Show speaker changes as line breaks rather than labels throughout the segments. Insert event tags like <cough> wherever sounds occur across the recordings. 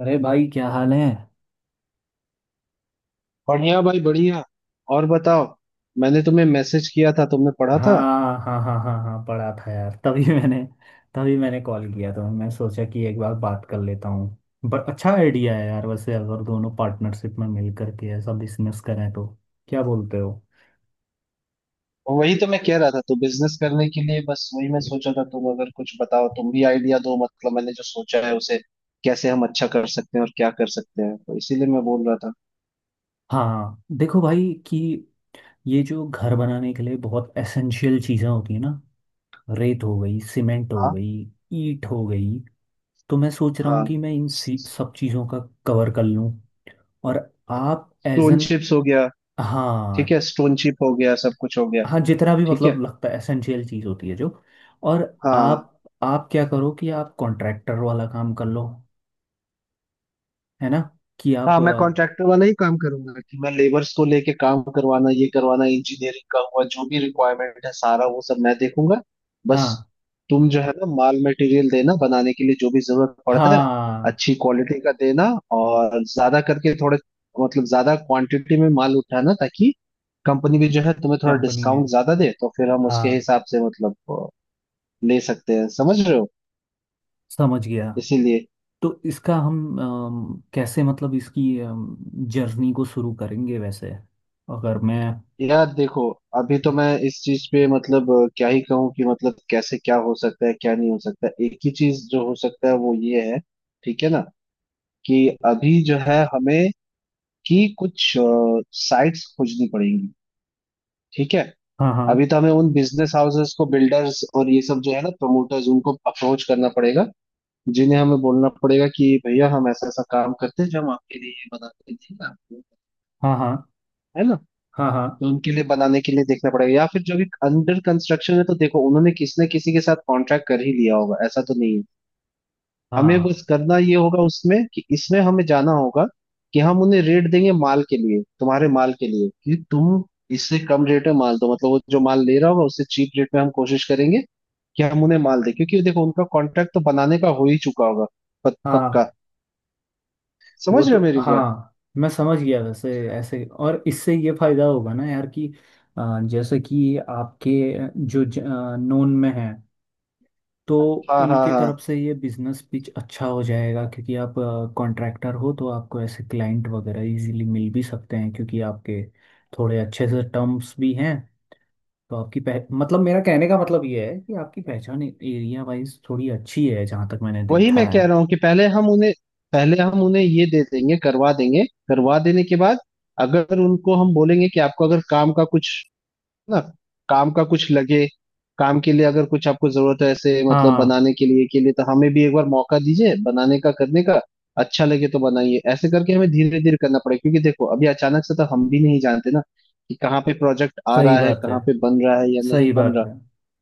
अरे भाई क्या हाल है।
बढ़िया भाई, बढ़िया। और बताओ। मैंने तुम्हें मैसेज किया था, तुमने पढ़ा
हाँ
था?
हाँ हाँ हाँ हाँ पढ़ा था यार। तभी मैंने कॉल किया था। मैं सोचा कि एक बार बात कर लेता हूँ, बट अच्छा आइडिया है यार वैसे। अगर दोनों पार्टनरशिप में मिल करके ऐसा बिजनेस करें तो क्या बोलते हो।
और वही तो मैं कह रहा था। तो बिजनेस करने के लिए बस वही मैं सोचा था। तुम अगर कुछ बताओ, तुम भी आइडिया दो। मतलब मैंने जो सोचा है उसे कैसे हम अच्छा कर सकते हैं और क्या कर सकते हैं, तो इसीलिए मैं बोल रहा था।
हाँ देखो भाई कि ये जो घर बनाने के लिए बहुत एसेंशियल चीज़ें होती है ना, रेत हो गई, सीमेंट हो
हाँ
गई, ईंट हो गई। तो मैं सोच रहा हूँ
हाँ।
कि मैं इन सब चीज़ों का कवर कर लूँ। और आप एज
स्टोन
एन।
चिप्स हो गया। ठीक
हाँ।
है, स्टोन चिप हो गया, सब कुछ हो गया।
हाँ जितना भी
ठीक
मतलब
है।
लगता है एसेंशियल चीज होती है जो। और आप
हाँ
आप क्या करो कि आप कॉन्ट्रैक्टर वाला काम कर लो, है ना। कि
हाँ।
आप
मैं कॉन्ट्रैक्टर वाला ही काम करूंगा, कि मैं लेबर्स को लेके काम करवाना, ये करवाना, इंजीनियरिंग का हुआ, जो भी रिक्वायरमेंट है सारा वो सब मैं देखूंगा। बस।
हाँ।
तुम जो है ना, माल मटेरियल देना बनाने के लिए, जो भी जरूरत पड़ता है,
हाँ
अच्छी क्वालिटी का देना। और ज्यादा करके थोड़े, मतलब ज्यादा क्वांटिटी में माल उठाना, ताकि कंपनी भी जो है तुम्हें थोड़ा
कंपनी में।
डिस्काउंट ज्यादा दे, तो फिर हम उसके
हाँ
हिसाब से मतलब ले सकते हैं। समझ रहे हो?
समझ गया।
इसीलिए।
तो इसका हम कैसे मतलब इसकी जर्नी को शुरू करेंगे वैसे, अगर मैं।
यार देखो, अभी तो मैं इस चीज पे मतलब क्या ही कहूँ कि मतलब कैसे क्या हो सकता है क्या नहीं हो सकता है। एक ही चीज जो हो सकता है वो ये है। ठीक है ना? कि अभी जो है हमें, कि कुछ साइट्स खोजनी पड़ेंगी। ठीक है।
हाँ
अभी
हाँ
तो हमें उन बिजनेस हाउसेस को, बिल्डर्स और ये सब जो है ना, प्रमोटर्स उनको अप्रोच करना पड़ेगा। जिन्हें हमें बोलना पड़ेगा कि भैया हम ऐसा ऐसा काम करते हैं जो हम आपके लिए ये बनाते हैं। ठीक है?
हाँ हाँ
है ना?
हाँ हाँ
तो उनके लिए बनाने के लिए देखना पड़ेगा। या फिर जो भी अंडर कंस्ट्रक्शन है, तो देखो उन्होंने किसी न किसी के साथ कॉन्ट्रैक्ट कर ही लिया होगा, ऐसा तो नहीं है। हमें बस करना ये होगा उसमें कि इसमें हमें जाना होगा कि हम उन्हें रेट देंगे माल के लिए, तुम्हारे माल के लिए, कि तुम इससे कम रेट में माल दो। मतलब वो जो माल ले रहा होगा उससे चीप रेट में हम कोशिश करेंगे कि हम उन्हें माल दें, क्योंकि देखो उनका कॉन्ट्रैक्ट तो बनाने का हो ही चुका होगा
हाँ
पक्का।
हाँ वो
समझ रहे हो
तो
मेरी बात?
हाँ मैं समझ गया वैसे ऐसे। और इससे ये फायदा होगा ना यार कि जैसे कि आपके जो नोन में है, तो
हाँ हाँ
उनकी
हाँ।
तरफ से ये बिजनेस पिच अच्छा हो जाएगा क्योंकि आप कॉन्ट्रैक्टर हो, तो आपको ऐसे क्लाइंट वगैरह इजीली मिल भी सकते हैं क्योंकि आपके थोड़े अच्छे से टर्म्स भी हैं। तो आपकी पह मतलब मेरा कहने का मतलब ये है कि आपकी पहचान एरिया वाइज थोड़ी अच्छी है, जहाँ तक मैंने
वही
देखा
मैं कह
है।
रहा हूँ कि पहले हम उन्हें ये दे देंगे, करवा देंगे। करवा देने के बाद अगर उनको हम बोलेंगे कि आपको अगर ना काम का कुछ लगे, काम के लिए अगर कुछ आपको जरूरत है ऐसे, मतलब
हाँ
बनाने के लिए के लिए, तो हमें भी एक बार मौका दीजिए बनाने का, करने का। अच्छा लगे तो बनाइए। ऐसे करके हमें धीरे धीरे करना पड़ेगा, क्योंकि देखो अभी अचानक से तो हम भी नहीं जानते ना कि कहाँ पे प्रोजेक्ट आ
सही
रहा है,
बात है,
कहाँ पे बन रहा है या नहीं
सही
बन
बात
रहा।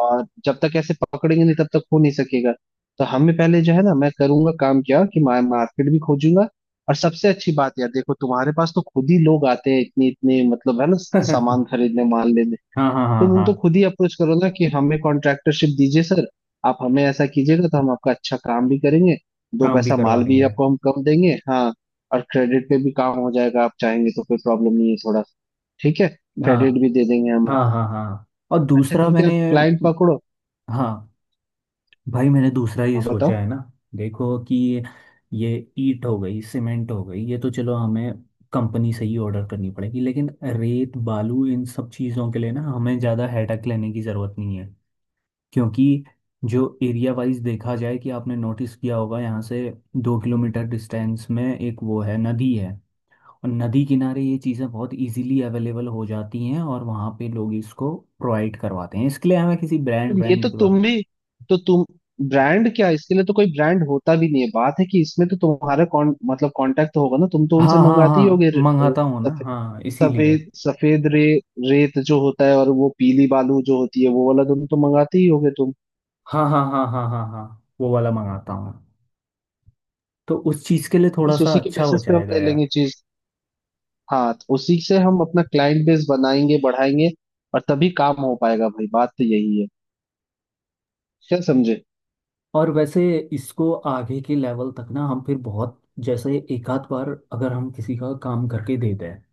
और जब तक ऐसे पकड़ेंगे नहीं, तब तक हो नहीं सकेगा। तो हमें पहले जो है ना, मैं करूंगा काम क्या कि मैं मार्केट भी खोजूंगा। और सबसे अच्छी बात यार देखो, तुम्हारे पास तो खुद ही लोग आते हैं इतने इतने, मतलब है ना,
है। <laughs>
सामान खरीदने, माल लेने।
हाँ हाँ हाँ
तुम
हाँ
उनको खुद ही अप्रोच करो ना कि हमें कॉन्ट्रैक्टरशिप दीजिए सर। आप हमें ऐसा कीजिएगा तो हम आपका अच्छा काम भी करेंगे, दो
काम भी
पैसा
करवा
माल भी
देंगे।
आपको हम कम देंगे, हाँ। और क्रेडिट पे भी काम हो जाएगा, आप चाहेंगे तो कोई प्रॉब्लम नहीं है थोड़ा। ठीक है।
हाँ
क्रेडिट भी दे देंगे हम
हाँ
आपको।
हाँ हाँ और
ऐसा
दूसरा
करके आप
मैंने।
क्लाइंट पकड़ो।
हाँ भाई मैंने दूसरा ये
हाँ बताओ।
सोचा है ना। देखो कि ये ईट हो गई, सीमेंट हो गई, ये तो चलो हमें कंपनी से ही ऑर्डर करनी पड़ेगी। लेकिन रेत बालू इन सब चीज़ों के लिए ना हमें ज़्यादा हेडक लेने की ज़रूरत नहीं है। क्योंकि जो एरिया वाइज देखा जाए, कि आपने नोटिस किया होगा यहाँ से 2 किलोमीटर डिस्टेंस में एक वो है, नदी है। और नदी किनारे ये चीज़ें बहुत इजीली अवेलेबल हो जाती हैं और वहाँ पे लोग इसको प्रोवाइड करवाते हैं। इसके लिए हमें किसी ब्रांड
पर ये तो
ब्रांड के
तुम
बारे।
भी, तो तुम ब्रांड क्या, इसके लिए तो कोई ब्रांड होता भी नहीं है। बात है कि इसमें तो तुम्हारा कौन, मतलब कांटेक्ट होगा ना, तुम तो उनसे
हाँ हाँ
मंगाते ही
हाँ
होगे।
मंगाता हूँ ना,
सफे-
हाँ इसीलिए।
सफेद सफेद रे रेत जो होता है, और वो पीली बालू जो होती है, वो वाला तुम तो मंगाते ही होगे तुम।
हाँ हाँ हाँ हाँ हाँ हाँ वो वाला मंगाता हूँ। तो उस चीज़ के लिए थोड़ा
बस
सा
उसी के
अच्छा हो
बेसिस पे हम
जाएगा
ले
यार।
लेंगे चीज। हाँ, तो उसी से हम अपना क्लाइंट बेस बनाएंगे, बढ़ाएंगे। और तभी काम हो पाएगा भाई, बात तो यही है। क्या समझे?
और वैसे इसको आगे के लेवल तक ना हम फिर बहुत, जैसे एक आध बार अगर हम किसी का काम करके देते हैं,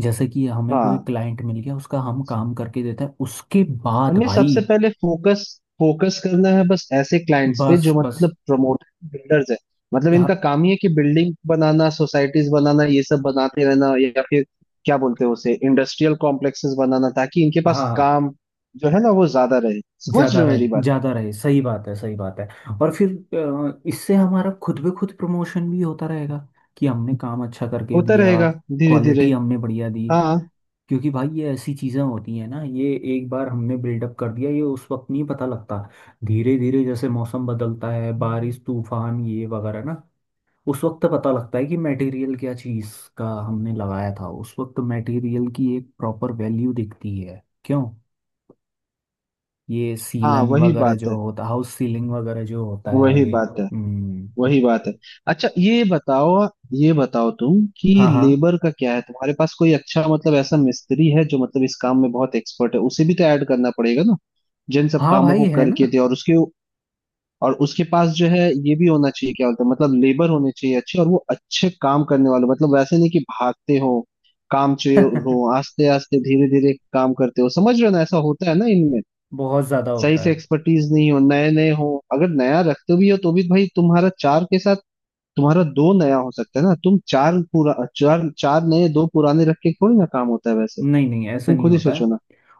जैसे कि हमें कोई
हाँ।
क्लाइंट मिल गया, उसका हम काम करके देते हैं, उसके बाद
हमें
भाई।
सबसे पहले फोकस फोकस करना है बस ऐसे क्लाइंट्स पे जो
बस बस।
मतलब प्रमोटर, बिल्डर्स है। मतलब
हाँ,
इनका काम ही है कि बिल्डिंग बनाना, सोसाइटीज बनाना, ये सब बनाते रहना। या फिर क्या बोलते हैं उसे, इंडस्ट्रियल कॉम्प्लेक्सेस बनाना, ताकि इनके पास
हाँ
काम जो है ना वो ज्यादा रहे। समझ
ज्यादा
रहे हो
रहे,
मेरी बात?
ज्यादा रहे। सही बात है, सही बात है। और फिर इससे हमारा खुद ब खुद प्रमोशन भी होता रहेगा कि हमने काम अच्छा करके
होता
दिया,
रहेगा, धीरे धीरे।
क्वालिटी हमने बढ़िया दी।
हाँ
क्योंकि भाई ये ऐसी चीज़ें होती हैं ना ये, एक बार हमने बिल्डअप कर दिया ये उस वक्त नहीं पता लगता। धीरे धीरे जैसे मौसम बदलता है, बारिश तूफान ये वगैरह ना, उस वक्त पता लगता है कि मटेरियल क्या चीज़ का हमने लगाया था। उस वक्त मटेरियल की एक प्रॉपर वैल्यू दिखती है, क्यों। ये
हाँ।
सीलन
वही
वगैरह
बात है,
जो होता, हाउस सीलिंग वगैरह जो होता है
वही
ये।
बात है,
हम्म।
वही बात है। अच्छा ये बताओ, ये बताओ तुम कि
हाँ हाँ
लेबर का क्या है? तुम्हारे पास कोई अच्छा, मतलब ऐसा मिस्त्री है जो मतलब इस काम में बहुत एक्सपर्ट है? उसे भी तो ऐड करना पड़ेगा ना, जिन सब
हाँ
कामों
भाई
को
है
करके
ना।
दे। और उसके पास जो है, ये भी होना चाहिए, क्या बोलते हैं, मतलब लेबर होने चाहिए अच्छे, और वो अच्छे काम करने वाले। मतलब वैसे नहीं कि भागते हो, काम चोर हो,
<laughs>
आस्ते आस्ते धीरे धीरे काम करते हो। समझ रहे हो ना, ऐसा होता है ना इनमें,
बहुत ज्यादा
सही
होता
से
है।
एक्सपर्टीज नहीं हो, नए नए हो। अगर नया रखते भी हो, तो भी भाई तुम्हारा चार के साथ तुम्हारा दो नया हो सकता है ना, तुम चार पूरा, चार चार नए दो पुराने रख के थोड़ी ना काम होता है वैसे।
नहीं नहीं, ऐसा
तुम
नहीं
खुद ही
होता है।
सोचो ना।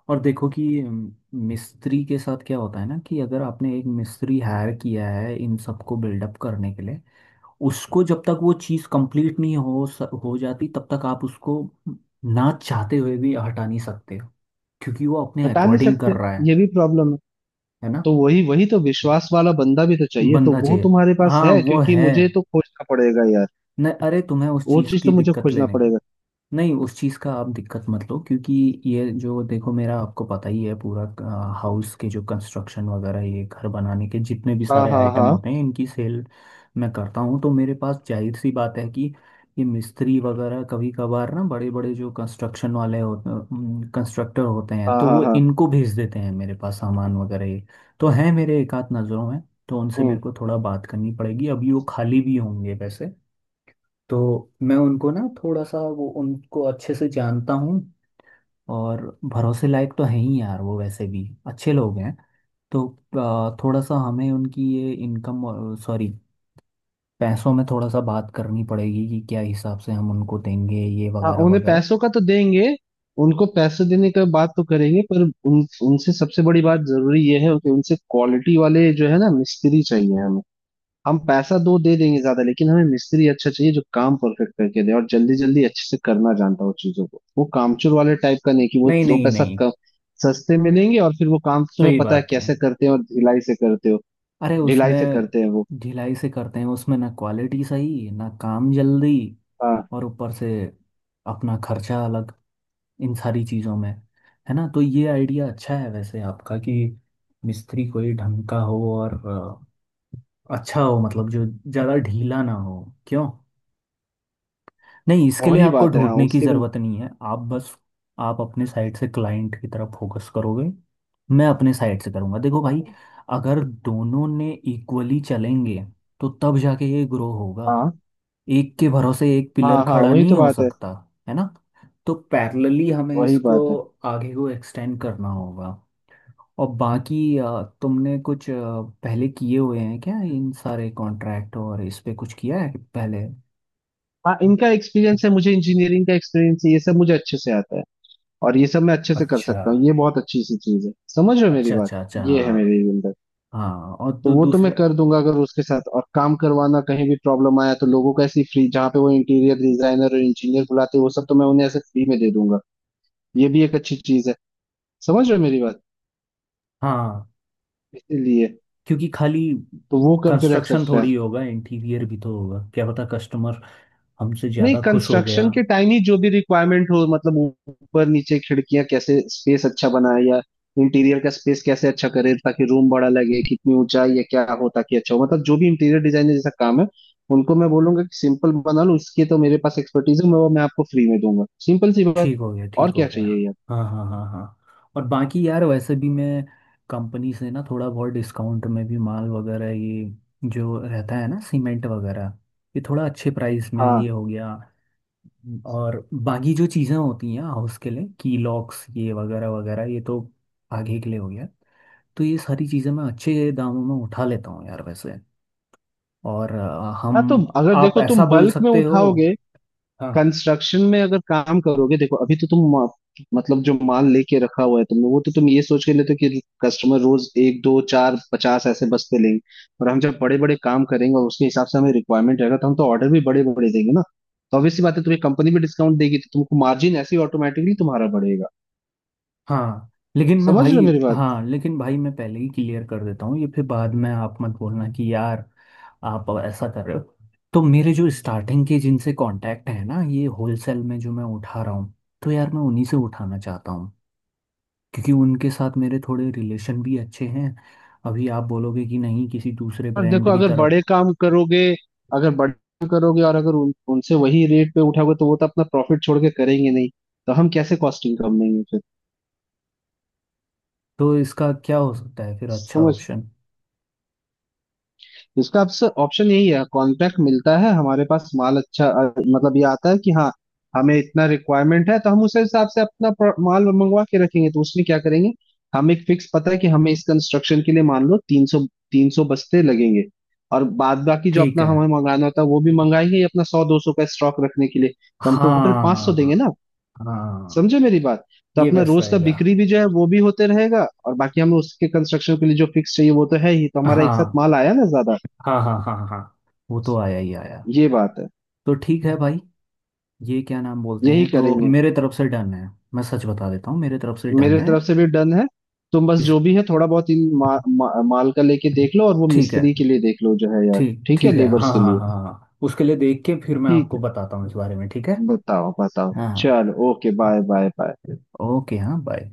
और देखो कि मिस्त्री के साथ क्या होता है ना कि अगर आपने एक मिस्त्री हायर किया है इन सबको बिल्डअप करने के लिए, उसको जब तक वो चीज़ कंप्लीट नहीं हो जाती, तब तक आप उसको ना चाहते हुए भी हटा नहीं सकते हो, क्योंकि वो अपने
हटा नहीं
अकॉर्डिंग कर
सकते।
रहा है
ये भी प्रॉब्लम है।
है ना।
तो वही वही तो विश्वास वाला बंदा भी तो चाहिए। तो
बंदा
वो
चाहिए।
तुम्हारे पास
हाँ
है,
वो
क्योंकि
है।
मुझे तो खोजना पड़ेगा यार।
न अरे तुम्हें उस
वो
चीज़
चीज
की
तो मुझे
दिक्कत
खोजना
लेने।
पड़ेगा।
नहीं, उस चीज़ का आप दिक्कत मत लो क्योंकि ये जो देखो, मेरा आपको पता ही है पूरा, हाउस के जो कंस्ट्रक्शन वगैरह ये घर बनाने के जितने भी
हाँ
सारे
हाँ
आइटम
हाँ
होते हैं इनकी सेल मैं करता हूँ। तो मेरे पास जाहिर सी बात है कि ये मिस्त्री वगैरह कभी कभार ना, बड़े बड़े जो कंस्ट्रक्शन वाले होते कंस्ट्रक्टर होते हैं,
हाँ
तो
हाँ
वो
हाँ।
इनको भेज देते हैं मेरे पास सामान वगैरह ये। तो हैं मेरे एक आध नज़रों में। तो उनसे मेरे
हम्म।
को थोड़ा बात करनी पड़ेगी, अभी वो खाली भी होंगे वैसे। तो मैं उनको ना थोड़ा सा वो, उनको अच्छे से जानता हूँ। और भरोसे लायक तो है ही यार वो, वैसे भी अच्छे लोग हैं। तो थोड़ा सा हमें उनकी ये इनकम, सॉरी पैसों में थोड़ा सा बात करनी पड़ेगी कि क्या हिसाब से हम उनको देंगे, ये
हाँ,
वगैरह
उन्हें
वगैरह।
पैसों का तो देंगे। उनको पैसे देने का बात तो करेंगे, पर उन उनसे सबसे बड़ी बात जरूरी ये है कि उनसे क्वालिटी वाले जो है ना, मिस्त्री चाहिए हमें। हम पैसा दो दे देंगे ज्यादा, लेकिन हमें मिस्त्री अच्छा चाहिए जो काम परफेक्ट करके दे और जल्दी जल्दी अच्छे से करना जानता हो चीजों को, वो कामचोर वाले टाइप का नहीं कि वो
नहीं
दो
नहीं
पैसा
नहीं।
कम सस्ते में लेंगे और फिर वो काम तो तुम्हें
सही
पता है
बात है।
कैसे करते हैं और ढिलाई से करते हो।
अरे
ढिलाई
उसमें
से करते हैं वो।
ढिलाई से करते हैं, उसमें ना क्वालिटी सही ना काम जल्दी।
हाँ
और ऊपर से अपना खर्चा अलग इन सारी चीज़ों में, है ना। तो ये आइडिया अच्छा है वैसे आपका कि मिस्त्री कोई ढंग का हो और अच्छा हो, मतलब जो ज़्यादा ढीला ना हो, क्यों। नहीं इसके लिए
वही
आपको
बात है। हाँ
ढूंढने की
उसके भी।
ज़रूरत नहीं है। आप बस आप अपने साइड से क्लाइंट की तरफ फोकस करोगे, मैं अपने साइड से करूँगा। देखो भाई अगर दोनों ने इक्वली चलेंगे तो तब जाके ये ग्रो होगा।
हाँ
एक के भरोसे एक पिलर
हाँ हाँ
खड़ा
वही
नहीं
तो
हो
बात है,
सकता, है ना। तो पैरेलली हमें
वही
इसको
बात है।
आगे को एक्सटेंड करना होगा। और बाकी तुमने कुछ पहले किए हुए हैं क्या इन सारे कॉन्ट्रैक्ट और इस पे कुछ किया है पहले।
हाँ इनका एक्सपीरियंस है, मुझे इंजीनियरिंग का एक्सपीरियंस है, ये सब मुझे अच्छे से आता है, और ये सब मैं अच्छे से कर
अच्छा,
सकता हूँ। ये बहुत अच्छी सी चीज है। समझ रहे हो मेरी
अच्छा
बात?
अच्छा अच्छा,
ये है
हाँ।
मेरी।
हाँ और
तो वो तो मैं
दूसरा।
कर दूंगा। अगर उसके साथ और काम करवाना कहीं भी प्रॉब्लम आया, तो लोगों का ऐसी फ्री जहाँ पे वो इंटीरियर डिजाइनर और इंजीनियर बुलाते हैं, वो सब तो मैं उन्हें ऐसे फ्री में दे दूंगा। ये भी एक अच्छी चीज है। समझ रहे हो मेरी बात?
हाँ
इसीलिए।
क्योंकि खाली
तो वो करके रख
कंस्ट्रक्शन
सकता है।
थोड़ी होगा, इंटीरियर भी तो होगा। क्या पता कस्टमर हमसे
नहीं,
ज़्यादा खुश हो
कंस्ट्रक्शन
गया।
के टाइम ही जो भी रिक्वायरमेंट हो, मतलब ऊपर नीचे खिड़कियां, कैसे स्पेस अच्छा बनाए, या इंटीरियर का स्पेस कैसे अच्छा करे ताकि रूम बड़ा लगे, कितनी ऊंचाई या क्या हो ताकि अच्छा हो, मतलब जो भी इंटीरियर डिजाइनर जैसा काम है, उनको मैं बोलूंगा कि सिंपल बना लो। उसकी तो मेरे पास एक्सपर्टीज है, मैं वो मैं आपको फ्री में दूंगा, सिंपल सी बात।
ठीक हो गया, ठीक
और
हो
क्या
गया।
चाहिए यार?
हाँ हाँ हाँ हाँ। और बाकी यार वैसे भी मैं कंपनी से ना थोड़ा बहुत डिस्काउंट में भी माल वगैरह ये जो रहता है ना, सीमेंट वगैरह ये थोड़ा अच्छे प्राइस में ये
हाँ
हो गया। और बाकी जो चीज़ें होती हैं हाउस के लिए की लॉक्स ये वगैरह वगैरह, ये तो आगे के लिए हो गया। तो ये सारी चीज़ें मैं अच्छे दामों में उठा लेता हूँ यार वैसे। और
हाँ। तो
हम,
अगर
आप
देखो
ऐसा
तुम
बोल
बल्क में
सकते हो।
उठाओगे,
हाँ।
कंस्ट्रक्शन में अगर काम करोगे, देखो अभी तो तुम मतलब जो माल लेके रखा हुआ है तुमने, वो तो तुम ये सोच के लेते हो कि कस्टमर रोज एक दो चार 50 ऐसे बस्ते लेंगे। और हम जब बड़े बड़े काम करेंगे और उसके हिसाब से हमें रिक्वायरमेंट रहेगा, तो हम तो ऑर्डर भी बड़े बड़े देंगे ना। तो ऑब्वियस सी बात है तुम्हें कंपनी भी डिस्काउंट देगी, तो तुमको मार्जिन ऐसे ही ऑटोमेटिकली तुम्हारा बढ़ेगा।
हाँ
समझ रहे हो मेरी बात?
लेकिन भाई मैं पहले ही क्लियर कर देता हूँ, ये फिर बाद में आप मत बोलना कि यार आप ऐसा कर रहे हो। तो मेरे जो स्टार्टिंग के जिनसे कांटेक्ट है ना, ये होलसेल में जो मैं उठा रहा हूँ, तो यार मैं उन्हीं से उठाना चाहता हूँ, क्योंकि उनके साथ मेरे थोड़े रिलेशन भी अच्छे हैं। अभी आप बोलोगे कि नहीं किसी दूसरे
और देखो
ब्रांड की
अगर
तरफ,
बड़े काम करोगे, अगर बड़े काम करोगे और अगर उनसे वही रेट पे उठाओगे, तो वो तो अपना प्रॉफिट छोड़ के करेंगे नहीं। तो हम कैसे कॉस्टिंग कम लेंगे फिर?
तो इसका क्या हो सकता है फिर अच्छा
समझ।
ऑप्शन।
इसका आपसे ऑप्शन यही है, कॉन्ट्रैक्ट मिलता है हमारे पास, माल अच्छा, मतलब ये आता है कि हाँ, हमें इतना रिक्वायरमेंट है तो हम उस हिसाब से अपना माल मंगवा के रखेंगे, तो उसमें क्या करेंगे, हम एक फिक्स पता है कि हमें इस कंस्ट्रक्शन के लिए मान लो तीन सौ बस्ते लगेंगे। और बाद बाकी जो
ठीक
अपना
है।
हमें मंगाना होता है वो भी मंगाएंगे, ये अपना 100 200 का स्टॉक रखने के लिए, तो हम टोटल 500 देंगे
हाँ
ना।
हाँ।
समझे मेरी बात? तो
ये
अपना
बेस्ट
रोज का
रहेगा।
बिक्री भी जो है वो भी होते रहेगा, और बाकी हमें उसके कंस्ट्रक्शन के लिए जो फिक्स चाहिए वो तो है ही, तो हमारा एक साथ
हाँ
माल आया ना ज्यादा।
हाँ हाँ हाँ हाँ हाँ। वो तो आया ही आया।
ये बात है।
तो ठीक है भाई, ये क्या नाम बोलते
यही
हैं, तो
करेंगे।
मेरे तरफ से डन है। मैं सच बता देता हूँ, मेरे तरफ से डन
मेरे
है।
तरफ से भी डन है। तुम बस
इस
जो भी है, थोड़ा बहुत इन मा, मा, माल का लेके देख लो, और वो
ठीक है,
मिस्त्री के लिए देख लो जो है यार।
ठीक
ठीक है
ठीक है।
लेबर्स
हाँ
के
हाँ
लिए।
हाँ हाँ उसके लिए देख के फिर मैं
ठीक
आपको
है।
बताता हूँ इस बारे में, ठीक है।
बताओ बताओ
हाँ हाँ,
चलो, okay bye bye bye.
Okay, हाँ बाय।